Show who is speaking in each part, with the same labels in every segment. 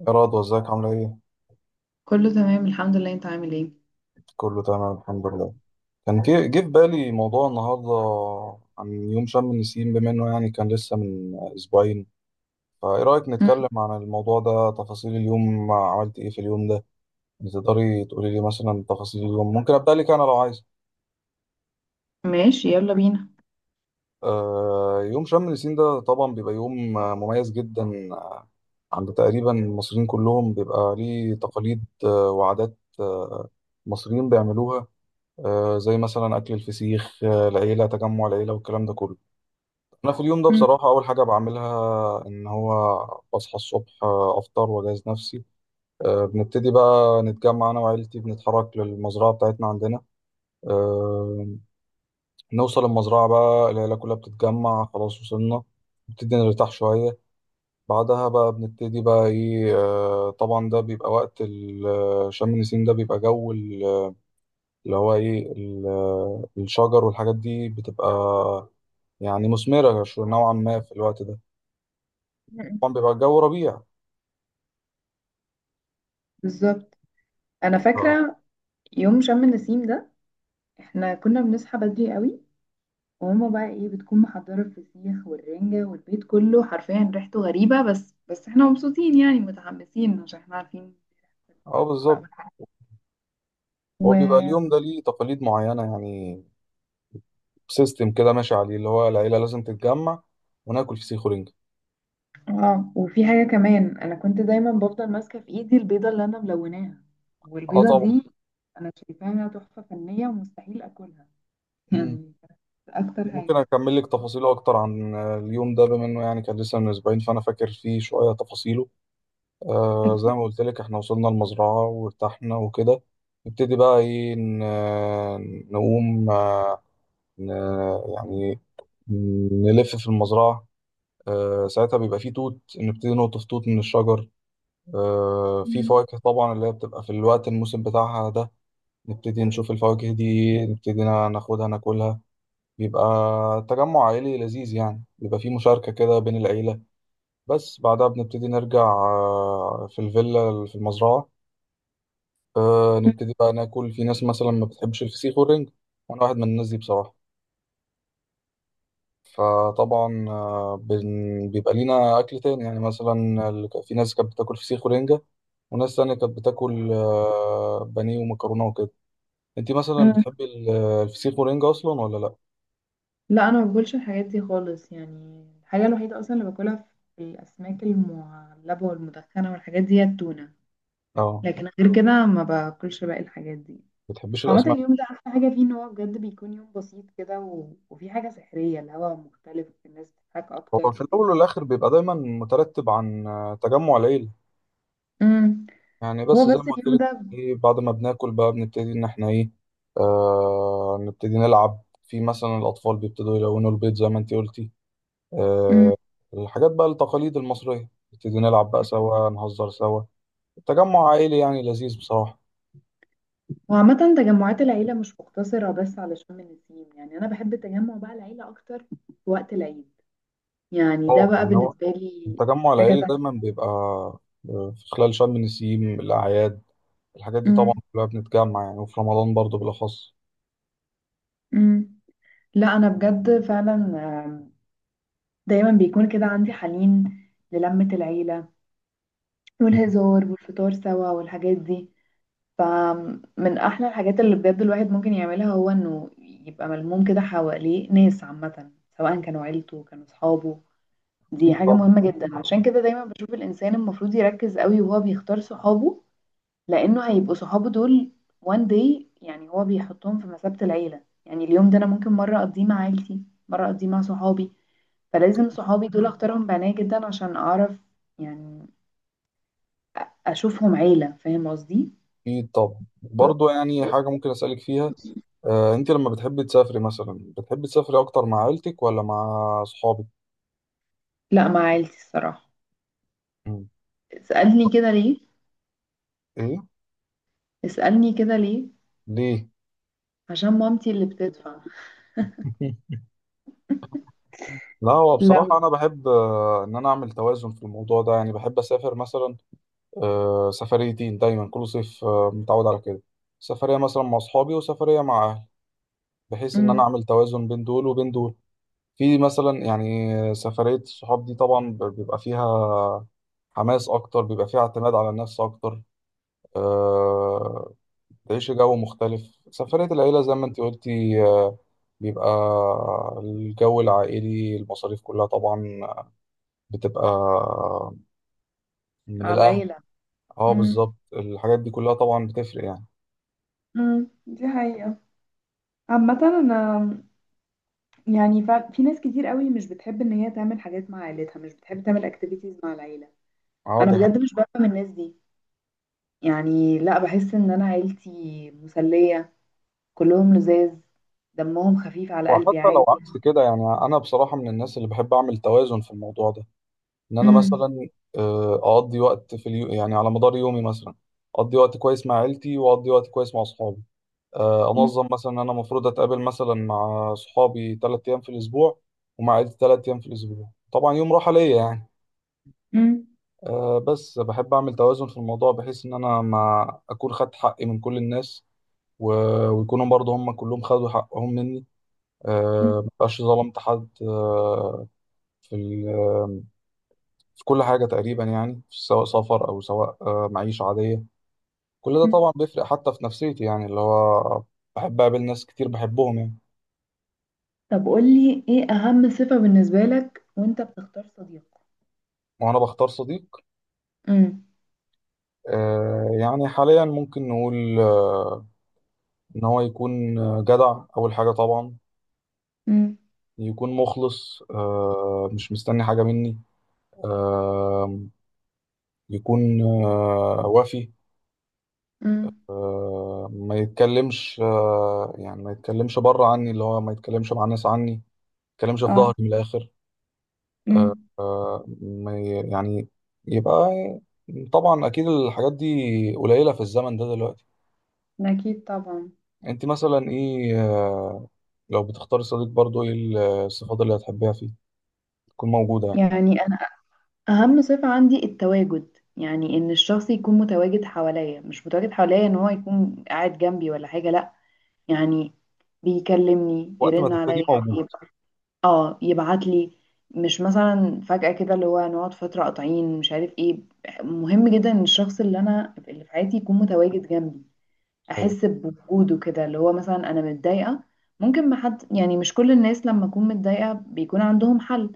Speaker 1: يا رضوى ازيك عاملة ايه؟
Speaker 2: كله تمام، الحمد لله. انت عامل ايه؟
Speaker 1: كله تمام الحمد لله. كان جه في بالي موضوع النهاردة عن يوم شم النسيم بما انه يعني كان لسه من اسبوعين، فايه رأيك
Speaker 2: مم.
Speaker 1: نتكلم عن الموضوع ده تفاصيل اليوم عملت ايه في اليوم ده؟ تقدري تقولي لي مثلا تفاصيل اليوم، ممكن ابدأ لك انا لو عايز.
Speaker 2: ماشي، يلا بينا.
Speaker 1: يوم شم النسيم ده طبعا بيبقى يوم مميز جدا. آه، عند تقريبا المصريين كلهم بيبقى ليه تقاليد وعادات المصريين بيعملوها. زي مثلا أكل الفسيخ. العيلة تجمع العيلة والكلام ده كله. أنا في اليوم ده
Speaker 2: مم.
Speaker 1: بصراحة أول حاجة بعملها إن هو بصحى الصبح، أفطر وأجهز نفسي. بنبتدي بقى نتجمع أنا وعيلتي، بنتحرك للمزرعة بتاعتنا عندنا. آه، نوصل المزرعة بقى العيلة كلها بتتجمع، خلاص وصلنا نبتدي نرتاح شوية. بعدها بقى بنبتدي بقى إيه، طبعا ده بيبقى وقت شم النسيم ده بيبقى جو اللي هو إيه الشجر والحاجات دي بتبقى يعني مثمرة نوعا ما في الوقت ده.
Speaker 2: مم.
Speaker 1: طبعا بيبقى الجو ربيع.
Speaker 2: بالظبط. انا
Speaker 1: اه،
Speaker 2: فاكره يوم شم النسيم ده، احنا كنا بنصحى بدري قوي، وماما بقى ايه بتكون محضره الفسيخ والرنجه، والبيت كله حرفيا ريحته غريبه، بس احنا مبسوطين، يعني متحمسين عشان احنا عارفين
Speaker 1: اه
Speaker 2: الفسيخ بقى
Speaker 1: بالظبط.
Speaker 2: والحاجات.
Speaker 1: هو بيبقى اليوم
Speaker 2: و
Speaker 1: ده ليه تقاليد معينة يعني، سيستم كده ماشي عليه اللي هو العيلة لازم تتجمع وناكل فسيخ ورنجة.
Speaker 2: اه وفي حاجه كمان، انا كنت دايما بفضل ماسكه في ايدي البيضه اللي انا ملوناها،
Speaker 1: اه
Speaker 2: والبيضه
Speaker 1: طبعا.
Speaker 2: دي انا شايفاها تحفه فنيه ومستحيل اكلها،
Speaker 1: مم.
Speaker 2: يعني اكتر حاجة.
Speaker 1: ممكن أكمل لك تفاصيله أكتر عن اليوم ده بما إنه يعني كان لسه من أسبوعين، فأنا فاكر فيه شوية تفاصيله. زي
Speaker 2: اكيد.
Speaker 1: ما قلت لك إحنا وصلنا المزرعة وارتحنا وكده. نبتدي بقى إيه نقوم، ن- يعني نلف في المزرعة. ساعتها بيبقى فيه توت، نبتدي نقطف توت من الشجر. في
Speaker 2: مم.
Speaker 1: فواكه طبعا اللي هي بتبقى في الوقت الموسم بتاعها ده. نبتدي نشوف الفواكه دي، نبتدي ناخدها ناكلها. بيبقى تجمع عائلي لذيذ يعني، بيبقى فيه مشاركة كده بين العيلة. بس بعدها بنبتدي نرجع في الفيلا اللي في المزرعة. نبتدي بقى ناكل، في ناس مثلا ما بتحبش الفسيخ والرنج، وأنا واحد من الناس دي بصراحة. فطبعا بيبقى لينا أكل تاني، يعني مثلا في ناس كانت بتاكل فسيخ ورنجة، وناس تانية كانت بتاكل بانيه ومكرونة وكده. انت مثلا
Speaker 2: مم.
Speaker 1: بتحبي الفسيخ والرنجة أصلا ولا لأ؟
Speaker 2: لا، انا ما باكلش الحاجات دي خالص، يعني الحاجه الوحيده اصلا اللي باكلها في الاسماك المعلبه والمدخنه والحاجات دي هي التونه.
Speaker 1: اه.
Speaker 2: لكن غير كده ما باكلش باقي الحاجات دي.
Speaker 1: بتحبيش
Speaker 2: عامه،
Speaker 1: الأسماك؟
Speaker 2: اليوم ده احلى حاجه فيه ان هو بجد بيكون يوم بسيط كده، و... وفي حاجه سحريه، الهواء مختلف، الناس بتضحك اكتر،
Speaker 1: هو في
Speaker 2: الدنيا.
Speaker 1: الأول والآخر بيبقى دايما مترتب عن تجمع العيلة،
Speaker 2: مم.
Speaker 1: يعني
Speaker 2: هو
Speaker 1: بس زي
Speaker 2: بس
Speaker 1: ما قلت
Speaker 2: اليوم
Speaker 1: لك.
Speaker 2: ده.
Speaker 1: ايه، بعد ما بناكل بقى بنبتدي إن احنا ايه، نبتدي نلعب، في مثلا الأطفال بيبتدوا يلونوا البيت زي ما انت قلتي.
Speaker 2: مم.
Speaker 1: آه، الحاجات بقى التقاليد المصرية، نبتدي نلعب بقى سوا، نهزر سوا. التجمع عائلي يعني لذيذ بصراحة.
Speaker 2: وعامة تجمعات العيلة مش مقتصرة بس على شم النسيم، يعني أنا بحب تجمع بقى العيلة أكتر في وقت العيد، يعني ده
Speaker 1: اه
Speaker 2: بقى
Speaker 1: يعني هو
Speaker 2: بالنسبة لي
Speaker 1: التجمع
Speaker 2: حاجة
Speaker 1: العائلي
Speaker 2: تانية.
Speaker 1: دايما بيبقى في خلال شم النسيم، الأعياد، الحاجات دي طبعا
Speaker 2: أمم،
Speaker 1: كلها بنتجمع يعني، وفي رمضان برضو بالأخص.
Speaker 2: أمم. لا، أنا بجد فعلا. آم، دايما بيكون كده عندي حنين للمة العيلة والهزار والفطار سوا والحاجات دي، فمن أحلى الحاجات اللي بجد الواحد ممكن يعملها هو إنه يبقى ملموم كده حواليه ناس، عامة سواء كانوا عيلته كانوا صحابه. دي
Speaker 1: أكيد
Speaker 2: حاجة
Speaker 1: طبعا.
Speaker 2: مهمة جدا، عشان كده دايما بشوف الإنسان المفروض يركز قوي وهو بيختار صحابه، لأنه هيبقوا صحابه دول one day، يعني هو بيحطهم في مثابة العيلة. يعني اليوم ده أنا ممكن مرة أقضيه مع عيلتي، مرة أقضيه مع صحابي، فلازم صحابي دول أختارهم بعناية جدا عشان أعرف، يعني أشوفهم عيلة. فاهم قصدي؟
Speaker 1: أكيد طبعا برضو. يعني حاجة ممكن أسألك فيها. أنت لما بتحبي تسافري مثلا بتحبي تسافري أكتر مع عيلتك ولا مع أصحابك؟
Speaker 2: لا، مع عيلتي الصراحة.
Speaker 1: مم.
Speaker 2: اسألني كده ليه؟
Speaker 1: إيه؟
Speaker 2: اسألني كده ليه؟
Speaker 1: ليه؟
Speaker 2: عشان مامتي اللي بتدفع.
Speaker 1: لا هو
Speaker 2: لو.
Speaker 1: بصراحة أنا بحب إن أنا أعمل توازن في الموضوع ده، يعني بحب أسافر مثلا سفريتين دايما كل صيف، متعود على كده. سفرية مثلا مع أصحابي وسفرية مع أهلي، بحيث إن أنا
Speaker 2: مم.
Speaker 1: أعمل توازن بين دول وبين دول. في مثلا يعني سفرية الصحاب دي طبعا بيبقى فيها حماس أكتر، بيبقى فيها اعتماد على النفس أكتر. آه، تعيش جو مختلف. سفرية العيلة زي ما أنت قلتي بيبقى الجو العائلي، المصاريف كلها طبعا بتبقى من
Speaker 2: على
Speaker 1: الاهل.
Speaker 2: العيلة.
Speaker 1: اه
Speaker 2: مم.
Speaker 1: بالظبط، الحاجات دي كلها طبعا بتفرق يعني.
Speaker 2: مم. دي حقيقة. عامة أنا يعني في ناس كتير قوي مش بتحب ان هي تعمل حاجات مع عيلتها، مش بتحب تعمل اكتيفيتيز مع العيله.
Speaker 1: اه،
Speaker 2: انا
Speaker 1: دي
Speaker 2: بجد
Speaker 1: حاجة.
Speaker 2: مش بفهم الناس دي، يعني لا، بحس ان انا عيلتي مسليه، كلهم لذاذ، دمهم خفيف على قلبي
Speaker 1: وحتى لو
Speaker 2: عادي.
Speaker 1: عكس كده يعني انا بصراحة من الناس اللي بحب اعمل توازن في الموضوع ده، ان انا
Speaker 2: امم
Speaker 1: مثلا اقضي وقت في اليو... يعني على مدار يومي مثلا، اقضي وقت كويس مع عيلتي واقضي وقت كويس مع اصحابي. انظم مثلا إن انا المفروض اتقابل مثلا مع صحابي 3 ايام في الاسبوع، ومع عيلتي 3 ايام في الاسبوع، طبعا يوم راحة ليا يعني.
Speaker 2: امم
Speaker 1: بس بحب اعمل توازن في الموضوع، بحيث ان انا ما اكون خدت حقي من كل الناس، ويكونوا برضه هم كلهم خدوا حقهم مني. ما بقاش ظلمت حد، آه، في ال- آه، في كل حاجة تقريبا يعني، سواء سفر أو سواء معيشة عادية. كل ده طبعا بيفرق حتى في نفسيتي، يعني اللي هو بحب أقابل ناس كتير بحبهم يعني.
Speaker 2: طب قولي ايه اهم صفه بالنسبه لك وانت بتختار صديق؟
Speaker 1: وأنا بختار صديق
Speaker 2: امم
Speaker 1: يعني حاليا ممكن نقول إن هو يكون جدع أول حاجة طبعا،
Speaker 2: امم
Speaker 1: يكون مخلص، مش مستني حاجة مني. آه، يكون وافي. ما يتكلمش، يعني ما يتكلمش بره عني، اللي هو ما يتكلمش مع الناس عني، ما يتكلمش في ظهري
Speaker 2: اه
Speaker 1: من الآخر. آه،
Speaker 2: امم
Speaker 1: آه، ما ي- يعني يبقى. طبعا أكيد الحاجات دي قليلة في الزمن ده دلوقتي.
Speaker 2: اكيد طبعا.
Speaker 1: أنت مثلا إيه لو بتختاري صديق برضو إيه الصفات اللي هتحبيها فيه تكون موجودة يعني،
Speaker 2: يعني اهم صفة عندي التواجد، يعني ان الشخص يكون متواجد حواليا، مش متواجد حواليا ان هو يكون قاعد جنبي ولا حاجة، لا يعني بيكلمني
Speaker 1: وقت ما
Speaker 2: يرن
Speaker 1: تحتاجيه
Speaker 2: عليا
Speaker 1: موجود.
Speaker 2: يبقى، اه يبعت لي، مش مثلا فجأة كده اللي هو نقعد فترة قاطعين مش عارف ايه. مهم جدا ان الشخص اللي في حياتي يكون متواجد جنبي،
Speaker 1: أيوة.
Speaker 2: احس بوجوده كده، اللي هو مثلا انا متضايقة، ممكن ما حد، يعني مش كل الناس لما اكون متضايقة بيكون عندهم حل،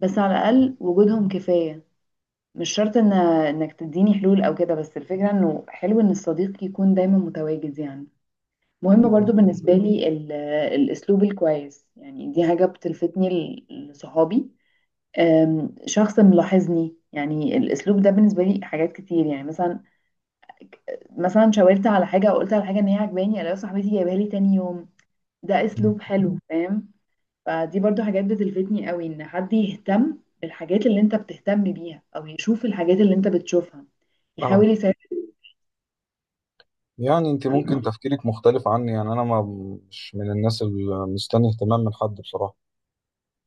Speaker 2: بس على الاقل وجودهم كفاية. مش شرط ان انك تديني حلول او كده، بس الفكره انه حلو ان الصديق يكون دايما متواجد يعني. مهم
Speaker 1: أكيد. أه.
Speaker 2: برضو بالنسبه لي الاسلوب الكويس، يعني دي حاجه بتلفتني لصحابي. شخص ملاحظني، يعني الاسلوب ده بالنسبه لي حاجات كتير، يعني مثلا شاورت على حاجه او قلت على حاجه ان هي عجباني، الاقي صاحبتي جايبها لي تاني يوم، ده
Speaker 1: مم.
Speaker 2: اسلوب حلو، فاهم؟ فدي برضو حاجات بتلفتني قوي، ان حد يهتم بالحاجات اللي انت بتهتم بيها او يشوف الحاجات اللي انت بتشوفها
Speaker 1: أه
Speaker 2: يحاول يساعد.
Speaker 1: يعني أنت ممكن
Speaker 2: فاهمة.
Speaker 1: تفكيرك مختلف عني، يعني أنا ما، مش من الناس اللي مستني اهتمام من حد بصراحة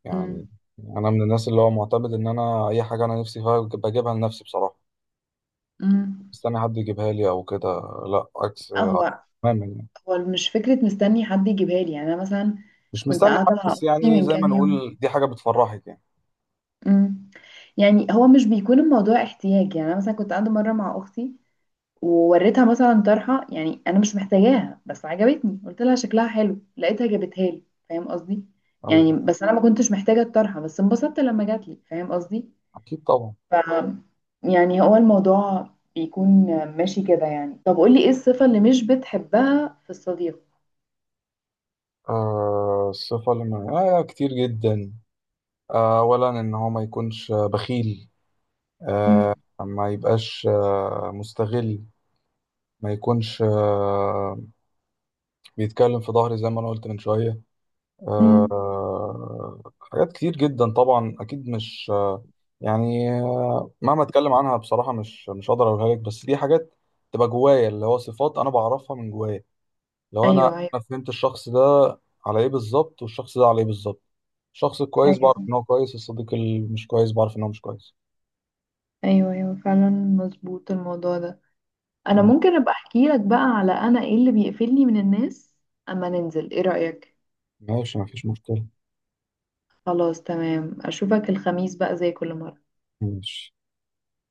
Speaker 1: يعني.
Speaker 2: مم.
Speaker 1: انا من الناس اللي هو معتمد ان انا اي حاجه انا نفسي فيها بجيبها لنفسي بصراحه،
Speaker 2: مم.
Speaker 1: مستني حد يجيبها لي او كده. لا، عكس
Speaker 2: آه، هو
Speaker 1: تماما يعني،
Speaker 2: هو مش فكرة مستني حد يجيبها لي يعني، أنا مثلا
Speaker 1: مش
Speaker 2: كنت
Speaker 1: مستني حد
Speaker 2: قاعدة مع
Speaker 1: بس
Speaker 2: أختي
Speaker 1: يعني
Speaker 2: من
Speaker 1: زي ما
Speaker 2: كام يوم.
Speaker 1: نقول دي حاجه بتفرحك يعني.
Speaker 2: مم. يعني هو مش بيكون الموضوع احتياج، يعني أنا مثلا كنت قاعدة مرة مع أختي، ووريتها مثلا طرحة، يعني أنا مش محتاجاها بس عجبتني، قلت لها شكلها حلو، لقيتها جابتها لي. فاهم قصدي؟ يعني
Speaker 1: ايوه
Speaker 2: بس أنا ما كنتش محتاجة الطرحة، بس انبسطت لما جات لي. فاهم قصدي؟
Speaker 1: اكيد طبعا.
Speaker 2: ف يعني هو الموضوع بيكون ماشي كده يعني. طب قولي ايه الصفة اللي مش بتحبها في الصديق؟
Speaker 1: الصفه اللي من... كتير جدا. اولا ان هو ما يكونش بخيل،
Speaker 2: مم.
Speaker 1: ما يبقاش مستغل، ما يكونش بيتكلم في ظهري زي ما انا قلت من شويه.
Speaker 2: مم.
Speaker 1: حاجات كتير جدا طبعا اكيد، مش يعني مهما اتكلم عنها بصراحه، مش هقدر اقولها لك، بس دي حاجات تبقى جوايا، اللي هو صفات انا بعرفها من جوايا. لو انا
Speaker 2: ايوه ايوه
Speaker 1: انا فهمت الشخص ده على ايه بالظبط والشخص ده على ايه بالظبط، الشخص الكويس بعرف
Speaker 2: ايوه
Speaker 1: ان هو كويس، الصديق اللي مش كويس بعرف ان هو مش كويس.
Speaker 2: ايوه ايوه، فعلا مظبوط الموضوع ده. انا
Speaker 1: اه،
Speaker 2: ممكن ابقى احكي لك بقى على انا ايه اللي بيقفلني من الناس اما ننزل، ايه رأيك؟
Speaker 1: ماشي مفيش مشكله.
Speaker 2: خلاص، تمام، اشوفك الخميس بقى زي كل مرة.
Speaker 1: ماشي